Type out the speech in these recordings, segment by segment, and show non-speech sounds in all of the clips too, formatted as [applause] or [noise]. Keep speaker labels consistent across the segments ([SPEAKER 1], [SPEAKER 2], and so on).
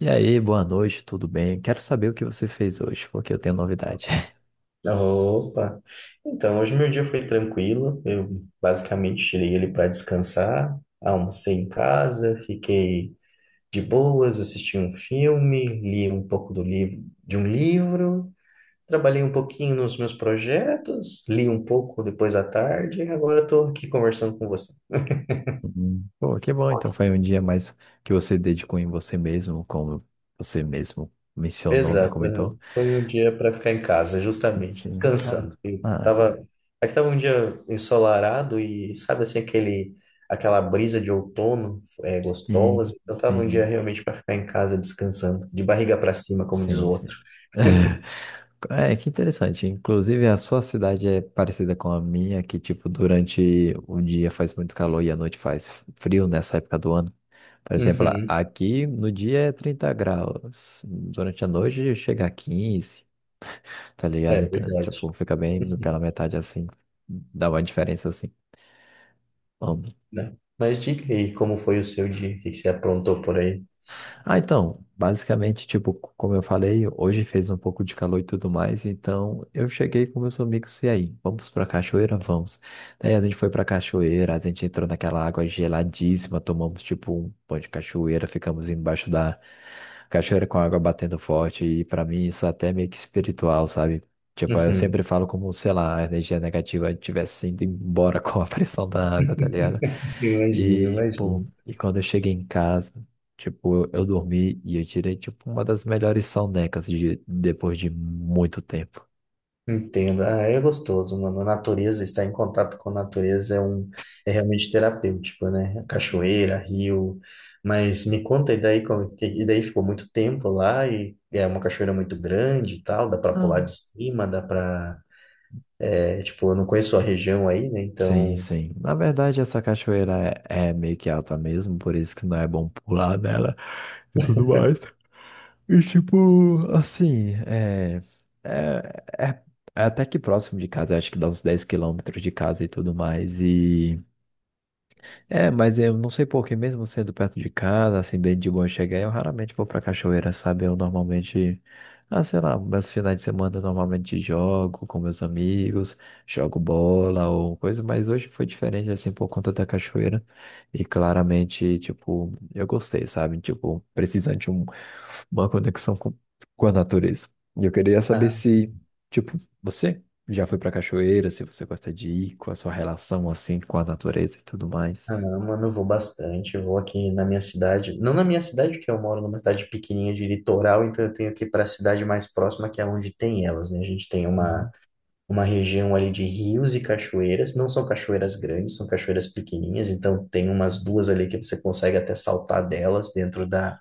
[SPEAKER 1] E aí, boa noite, tudo bem? Quero saber o que você fez hoje, porque eu tenho novidade. [laughs]
[SPEAKER 2] Opa! Então, hoje meu dia foi tranquilo. Eu basicamente tirei ele para descansar, almocei em casa, fiquei de boas, assisti um filme, li um pouco do livro, de um livro, trabalhei um pouquinho nos meus projetos, li um pouco depois à tarde e agora estou aqui conversando com você.
[SPEAKER 1] Uhum. Pô, que bom, então foi um dia mais que você dedicou em você mesmo, como você mesmo mencionou, né?
[SPEAKER 2] Exato, aham.
[SPEAKER 1] Comentou?
[SPEAKER 2] Foi um dia para ficar em casa,
[SPEAKER 1] Sim,
[SPEAKER 2] justamente,
[SPEAKER 1] sim. Ah,
[SPEAKER 2] descansando. E
[SPEAKER 1] ah,
[SPEAKER 2] tava, aqui tava um dia ensolarado e sabe assim aquele aquela brisa de outono é
[SPEAKER 1] sim,
[SPEAKER 2] gostosa. Então tava um dia
[SPEAKER 1] sim,
[SPEAKER 2] realmente para ficar em casa descansando, de barriga para cima, como diz
[SPEAKER 1] sim,
[SPEAKER 2] o outro.
[SPEAKER 1] sim. [laughs] É, que interessante. Inclusive, a sua cidade é parecida com a minha, que, tipo, durante o dia faz muito calor e à noite faz frio nessa época do ano. Por exemplo, lá,
[SPEAKER 2] Uhum.
[SPEAKER 1] aqui no dia é 30 graus, durante a noite chega a 15, tá
[SPEAKER 2] É
[SPEAKER 1] ligado? Então,
[SPEAKER 2] verdade.
[SPEAKER 1] tipo, fica bem
[SPEAKER 2] Uhum,
[SPEAKER 1] pela metade assim, dá uma diferença assim. Bom,
[SPEAKER 2] né? Mas diga aí, como foi o seu dia? O que que você aprontou por aí?
[SPEAKER 1] ah, então, basicamente, tipo, como eu falei, hoje fez um pouco de calor e tudo mais, então eu cheguei com meus amigos e aí, vamos pra cachoeira? Vamos. Daí a gente foi pra cachoeira, a gente entrou naquela água geladíssima, tomamos tipo um pão de cachoeira, ficamos embaixo da cachoeira com a água batendo forte, e pra mim isso é até meio que espiritual, sabe? Tipo, eu sempre
[SPEAKER 2] Uhum.
[SPEAKER 1] falo como, sei lá, a energia negativa estivesse indo embora [laughs] com a pressão da água, tá ligado?
[SPEAKER 2] [laughs] Imagino,
[SPEAKER 1] E, pô,
[SPEAKER 2] imagino.
[SPEAKER 1] e quando eu cheguei em casa, tipo, eu dormi e eu tirei, tipo, uma das melhores sonecas de, depois de muito tempo.
[SPEAKER 2] Entendo. Ah, é gostoso, mano. A natureza, estar em contato com a natureza é realmente terapêutico, né? Cachoeira, rio. Mas me conta, e daí, e daí ficou muito tempo lá e é uma cachoeira muito grande e tal, dá pra pular
[SPEAKER 1] Não.
[SPEAKER 2] de cima, é, tipo, eu não conheço a região aí, né?
[SPEAKER 1] Sim,
[SPEAKER 2] Então,
[SPEAKER 1] sim. Na verdade, essa cachoeira é, meio que alta mesmo, por isso que não é bom pular nela e tudo mais. E, tipo, assim, é, é, é até que próximo de casa, acho que dá uns 10 km de casa e tudo mais. E. É, mas eu não sei por que, mesmo sendo perto de casa, assim, bem de boa chegar, eu raramente vou pra cachoeira, sabe? Eu normalmente, ah, sei lá, meus finais de semana eu normalmente jogo com meus amigos, jogo bola ou coisa, mas hoje foi diferente, assim, por conta da cachoeira. E claramente, tipo, eu gostei, sabe? Tipo, uma conexão com a natureza. E eu queria saber
[SPEAKER 2] ah,
[SPEAKER 1] se, tipo, você já foi pra cachoeira, se você gosta de ir, com a sua relação, assim, com a natureza e tudo mais.
[SPEAKER 2] ah, mano, eu vou bastante. Eu vou aqui na minha cidade, não na minha cidade, porque eu moro numa cidade pequenininha de litoral, então eu tenho que ir para a cidade mais próxima, que é onde tem elas, né? A gente tem uma
[SPEAKER 1] Hum,
[SPEAKER 2] uma região ali de rios e cachoeiras. Não são cachoeiras grandes, são cachoeiras pequenininhas, então tem umas duas ali que você consegue até saltar delas dentro da,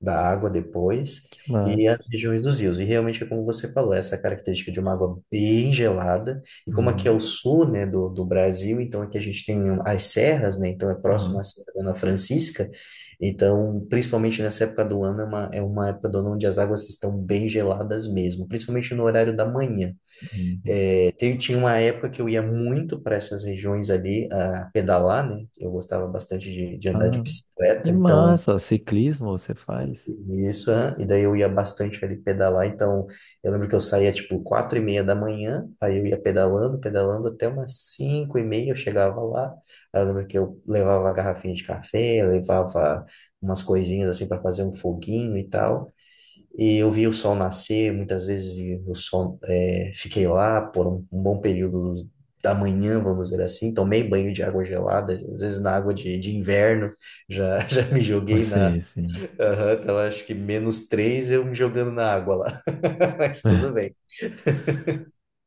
[SPEAKER 2] da água depois.
[SPEAKER 1] que
[SPEAKER 2] E
[SPEAKER 1] massa.
[SPEAKER 2] as regiões dos rios. E realmente é como você falou, essa característica de uma água bem gelada. E como aqui é o
[SPEAKER 1] Hum,
[SPEAKER 2] sul, né, do Brasil, então aqui a gente tem um, as serras, né, então é próximo à
[SPEAKER 1] aham,
[SPEAKER 2] Serra da Dona Francisca. Então, principalmente nessa época do ano, é uma época do ano onde as águas estão bem geladas mesmo, principalmente no horário da manhã.
[SPEAKER 1] hum,
[SPEAKER 2] Tinha uma época que eu ia muito para essas regiões ali a pedalar, né? Eu gostava bastante de andar de
[SPEAKER 1] ah,
[SPEAKER 2] bicicleta,
[SPEAKER 1] que
[SPEAKER 2] então
[SPEAKER 1] massa. Ciclismo você faz? [laughs]
[SPEAKER 2] isso, aham, e daí eu ia bastante ali pedalar. Então eu lembro que eu saía tipo 4h30 da manhã, aí eu ia pedalando, pedalando até umas 5h30 eu chegava lá. Aí eu lembro que eu levava a garrafinha de café, levava umas coisinhas assim para fazer um foguinho e tal. E eu vi o sol nascer, muitas vezes vi o sol, é, fiquei lá por um bom período da manhã, vamos dizer assim. Tomei banho de água gelada, às vezes na água de inverno, já, [laughs] já me joguei na.
[SPEAKER 1] Você, sim.
[SPEAKER 2] Aham, tava acho que -3 eu me jogando na água lá. [laughs] Mas tudo bem.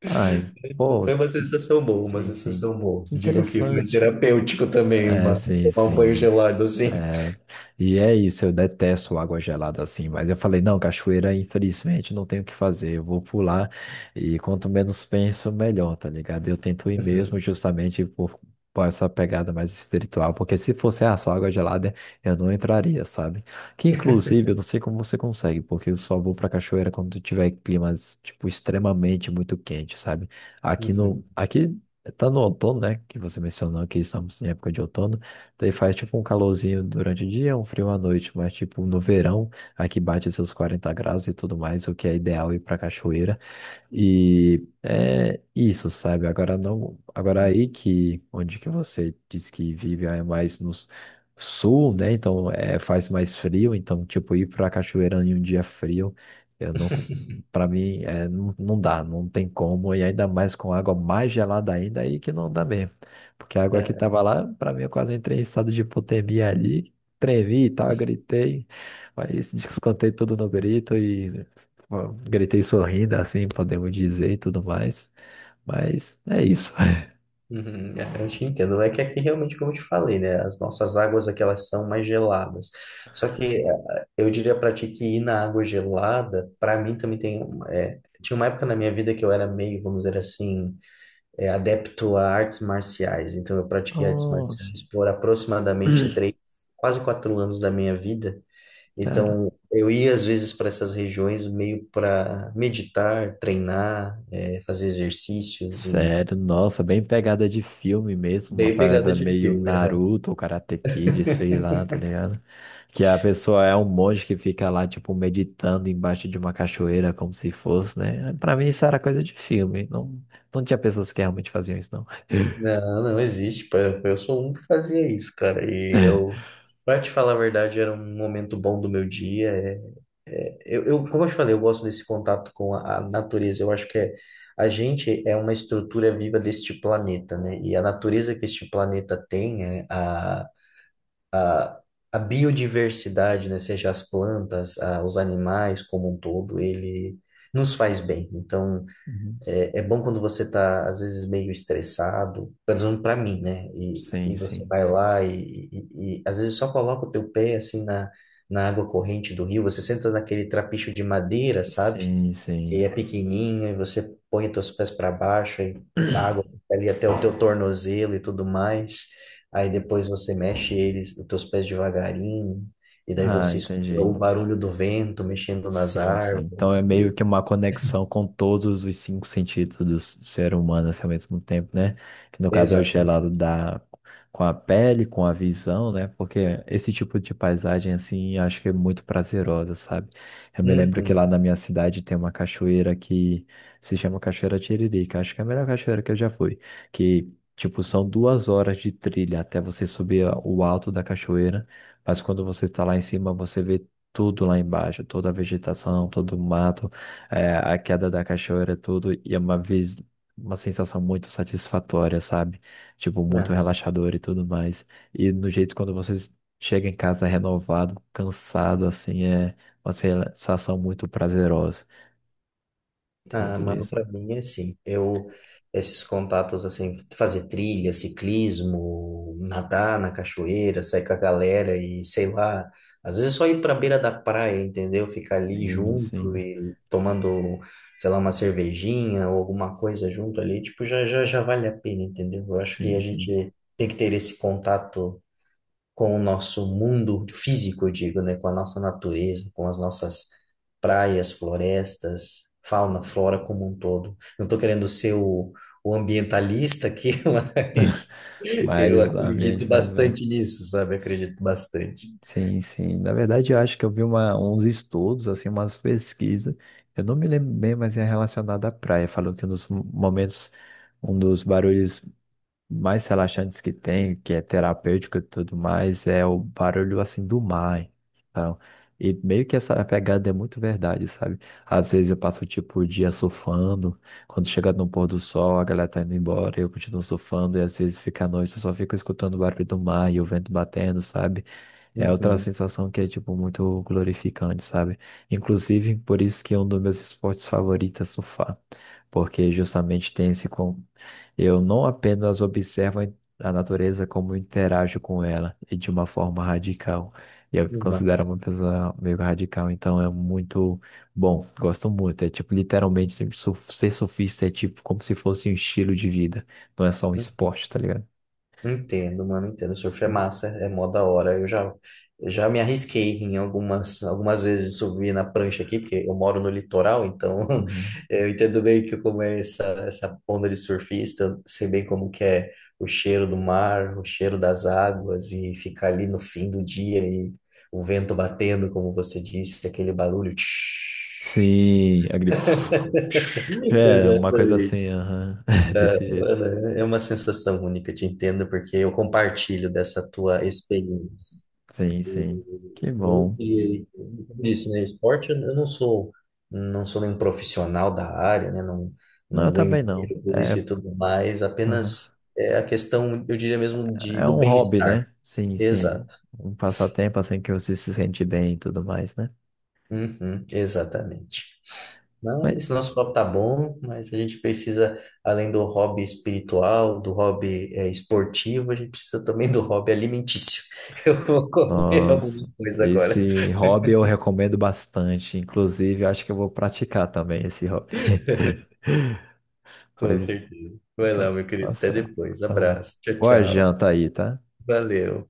[SPEAKER 1] Ai, pô,
[SPEAKER 2] Foi uma
[SPEAKER 1] que-
[SPEAKER 2] sensação boa, uma
[SPEAKER 1] sim, sim.
[SPEAKER 2] sensação boa.
[SPEAKER 1] Que
[SPEAKER 2] Digo que foi
[SPEAKER 1] interessante.
[SPEAKER 2] terapêutico também,
[SPEAKER 1] É, sim,
[SPEAKER 2] tomar um banho
[SPEAKER 1] sim.
[SPEAKER 2] gelado assim.
[SPEAKER 1] É, e é isso, eu detesto água gelada assim, mas eu falei, não, cachoeira, infelizmente, não tenho o que fazer, eu vou pular e quanto menos penso, melhor, tá ligado? Eu tento ir mesmo
[SPEAKER 2] Uhum,
[SPEAKER 1] justamente por essa pegada mais espiritual, porque se fosse ah, só água gelada, eu não entraria, sabe? Que inclusive, eu não sei como você consegue, porque eu só vou pra cachoeira quando tiver climas, tipo, extremamente muito quente, sabe?
[SPEAKER 2] uhum,
[SPEAKER 1] Aqui tá no outono, né, que você mencionou que estamos em época de outono, daí faz tipo um calorzinho durante o dia, um frio à noite, mas tipo no verão, aqui bate seus 40 graus e tudo mais, o que é ideal ir pra cachoeira. E é isso, sabe? Agora não, agora
[SPEAKER 2] uhum.
[SPEAKER 1] aí que onde que você diz que vive é mais no sul, né? Então é, faz mais frio, então tipo ir para a cachoeira em um dia frio, eu não, para mim é, não, não dá, não tem como e ainda mais com água mais gelada ainda aí que não dá mesmo, porque a água que
[SPEAKER 2] [laughs]
[SPEAKER 1] tava lá para mim eu quase entrei em estado de hipotermia ali, tremi e tal, gritei, mas descontei tudo no grito. Ó, gritei sorrindo, assim podemos dizer e tudo mais. Mas é isso. [laughs]
[SPEAKER 2] Uhum, é, eu te entendo. É que aqui realmente, como eu te falei, né? As nossas águas aqui elas são mais geladas. Só que eu diria pra ti que ir na água gelada, pra mim também tem. É, tinha uma época na minha vida que eu era meio, vamos dizer assim, adepto a artes marciais. Então eu pratiquei artes
[SPEAKER 1] Nossa.
[SPEAKER 2] marciais por aproximadamente
[SPEAKER 1] [clears throat]
[SPEAKER 2] quase 4 anos da minha vida.
[SPEAKER 1] Cara,
[SPEAKER 2] Então eu ia às vezes para essas regiões meio para meditar, treinar, fazer exercícios e
[SPEAKER 1] sério, nossa, bem pegada de filme mesmo, uma
[SPEAKER 2] bem pegada
[SPEAKER 1] parada
[SPEAKER 2] de
[SPEAKER 1] meio
[SPEAKER 2] filme.
[SPEAKER 1] Naruto ou Karate Kid, sei lá, tá ligado? Que a pessoa é um monge que fica lá, tipo, meditando embaixo de uma cachoeira, como se fosse, né? Pra mim isso era coisa de filme, não, não tinha pessoas que realmente faziam isso, não.
[SPEAKER 2] Não, não existe. Pô, eu sou um que fazia isso, cara. E
[SPEAKER 1] [laughs]
[SPEAKER 2] pra te falar a verdade, era um momento bom do meu dia. É, como eu te falei, eu gosto desse contato com a natureza. Eu acho que é, a gente é uma estrutura viva deste planeta, né? E a natureza que este planeta tem, a biodiversidade, né? Seja as plantas, os animais como um todo, ele nos faz bem. Então.
[SPEAKER 1] Uhum.
[SPEAKER 2] É, é bom quando você tá, às vezes, meio estressado, pelo menos pra mim, né? E,
[SPEAKER 1] Sim,
[SPEAKER 2] e você
[SPEAKER 1] sim.
[SPEAKER 2] vai lá e às vezes, só coloca o teu pé, assim, na água corrente do rio. Você senta naquele trapicho de madeira, sabe?
[SPEAKER 1] Sim,
[SPEAKER 2] Que
[SPEAKER 1] sim.
[SPEAKER 2] é pequenininho e você põe os teus pés para baixo e a água
[SPEAKER 1] [clears throat]
[SPEAKER 2] fica ali até o teu tornozelo e tudo mais. Aí depois você mexe eles, os teus pés devagarinho. E daí
[SPEAKER 1] Ah,
[SPEAKER 2] você escuta o
[SPEAKER 1] entendi.
[SPEAKER 2] barulho do vento mexendo nas
[SPEAKER 1] Sim, sim. Então é
[SPEAKER 2] árvores.
[SPEAKER 1] meio
[SPEAKER 2] E...
[SPEAKER 1] que uma conexão com todos os cinco sentidos do ser humano assim, ao mesmo tempo, né? Que no caso é o gelado
[SPEAKER 2] Exatamente.
[SPEAKER 1] da... com a pele, com a visão, né? Porque esse tipo de paisagem, assim, acho que é muito prazerosa, sabe? Eu me lembro que lá
[SPEAKER 2] Uhum.
[SPEAKER 1] na minha cidade tem uma cachoeira que se chama Cachoeira Tiririca. Acho que é a melhor cachoeira que eu já fui. Que, tipo, são 2 horas de trilha até você subir o alto da cachoeira. Mas quando você está lá em cima, você vê tudo lá embaixo, toda a vegetação, todo o mato, é, a queda da cachoeira, tudo, e é uma vez uma sensação muito satisfatória, sabe? Tipo,
[SPEAKER 2] Ah,
[SPEAKER 1] muito relaxador e tudo mais. E no jeito quando você chega em casa renovado, cansado, assim, é uma sensação muito prazerosa. Tem
[SPEAKER 2] ah,
[SPEAKER 1] muito
[SPEAKER 2] mano,
[SPEAKER 1] disso.
[SPEAKER 2] pra mim é assim. Esses contatos, assim, fazer trilha, ciclismo, nadar na cachoeira, sair com a galera e sei lá. Às vezes é só ir pra beira da praia, entendeu? Ficar ali
[SPEAKER 1] Sim,
[SPEAKER 2] junto
[SPEAKER 1] sim,
[SPEAKER 2] e tomando, sei lá, uma cervejinha ou alguma coisa junto ali, tipo, já vale a pena, entendeu? Eu acho que a
[SPEAKER 1] sim, sim.
[SPEAKER 2] gente tem que ter esse contato com o nosso mundo físico, eu digo, né? Com a nossa natureza, com as nossas praias, florestas, fauna, flora como um todo. Não estou querendo ser o ambientalista aqui, [laughs] mas eu
[SPEAKER 1] Mas a
[SPEAKER 2] acredito
[SPEAKER 1] viagem faz bem.
[SPEAKER 2] bastante nisso, sabe? Acredito bastante.
[SPEAKER 1] Sim, sim. Na verdade, eu acho que eu vi uma, uns estudos, assim, umas pesquisas. Eu não me lembro bem, mas é relacionado à praia. Falou que um dos momentos, um dos barulhos mais relaxantes que tem, que é terapêutico e tudo mais, é o barulho assim do mar. Então, e meio que essa pegada é muito verdade, sabe? Às vezes eu passo tipo o dia surfando, quando chega no pôr do sol, a galera tá indo embora, eu continuo surfando, e às vezes fica à noite, eu só fico escutando o barulho do mar e o vento batendo, sabe? É outra
[SPEAKER 2] Uhum,
[SPEAKER 1] sensação que é, tipo, muito glorificante, sabe? Inclusive, por isso que é um dos meus esportes favoritos é surfar. Porque justamente tem esse eu não apenas observo a natureza como interajo com ela e de uma forma radical. E eu me considero
[SPEAKER 2] massa.
[SPEAKER 1] uma pessoa meio radical, então é muito bom, gosto muito. É tipo, literalmente, ser surfista é tipo como se fosse um estilo de vida, não é só um esporte, tá ligado?
[SPEAKER 2] Entendo, mano, entendo. Surf é massa, é mó da hora. Eu já me arrisquei em algumas vezes de subir na prancha aqui, porque eu moro no litoral, então
[SPEAKER 1] Uhum.
[SPEAKER 2] [laughs] eu entendo bem que como é essa onda de surfista, sei bem como que é o cheiro do mar, o cheiro das águas e ficar ali no fim do dia e o vento batendo, como você disse, aquele barulho.
[SPEAKER 1] Sim, agri...
[SPEAKER 2] [laughs]
[SPEAKER 1] É, uma coisa
[SPEAKER 2] Exatamente.
[SPEAKER 1] assim, aham. [laughs] Desse jeito.
[SPEAKER 2] Mano, é é uma sensação única, te entendo, porque eu compartilho dessa tua experiência.
[SPEAKER 1] Sim, sim. Que bom.
[SPEAKER 2] Como eu disse, né, esporte, eu não sou, não sou nenhum profissional da área, né, não,
[SPEAKER 1] Não, eu
[SPEAKER 2] não ganho
[SPEAKER 1] também não.
[SPEAKER 2] dinheiro por isso e
[SPEAKER 1] É,
[SPEAKER 2] tudo mais,
[SPEAKER 1] aham.
[SPEAKER 2] apenas é a questão, eu diria mesmo,
[SPEAKER 1] É
[SPEAKER 2] do
[SPEAKER 1] um hobby,
[SPEAKER 2] bem-estar.
[SPEAKER 1] né? Sim, sim.
[SPEAKER 2] Exato.
[SPEAKER 1] Um passatempo assim que você se sente bem e tudo mais, né?
[SPEAKER 2] Uhum, exatamente. Não,
[SPEAKER 1] Mas,
[SPEAKER 2] esse nosso papo tá bom, mas a gente precisa, além do hobby espiritual, do hobby esportivo, a gente precisa também do hobby alimentício. [laughs] Eu vou comer alguma
[SPEAKER 1] nossa,
[SPEAKER 2] coisa agora.
[SPEAKER 1] esse hobby eu recomendo bastante. Inclusive, eu acho que eu vou praticar também esse hobby. [laughs]
[SPEAKER 2] Com
[SPEAKER 1] Pois,
[SPEAKER 2] certeza. Vai lá,
[SPEAKER 1] então,
[SPEAKER 2] meu
[SPEAKER 1] tá
[SPEAKER 2] querido. Até
[SPEAKER 1] certo.
[SPEAKER 2] depois.
[SPEAKER 1] Então,
[SPEAKER 2] Abraço. Tchau,
[SPEAKER 1] boa
[SPEAKER 2] tchau.
[SPEAKER 1] janta aí, tá?
[SPEAKER 2] Valeu.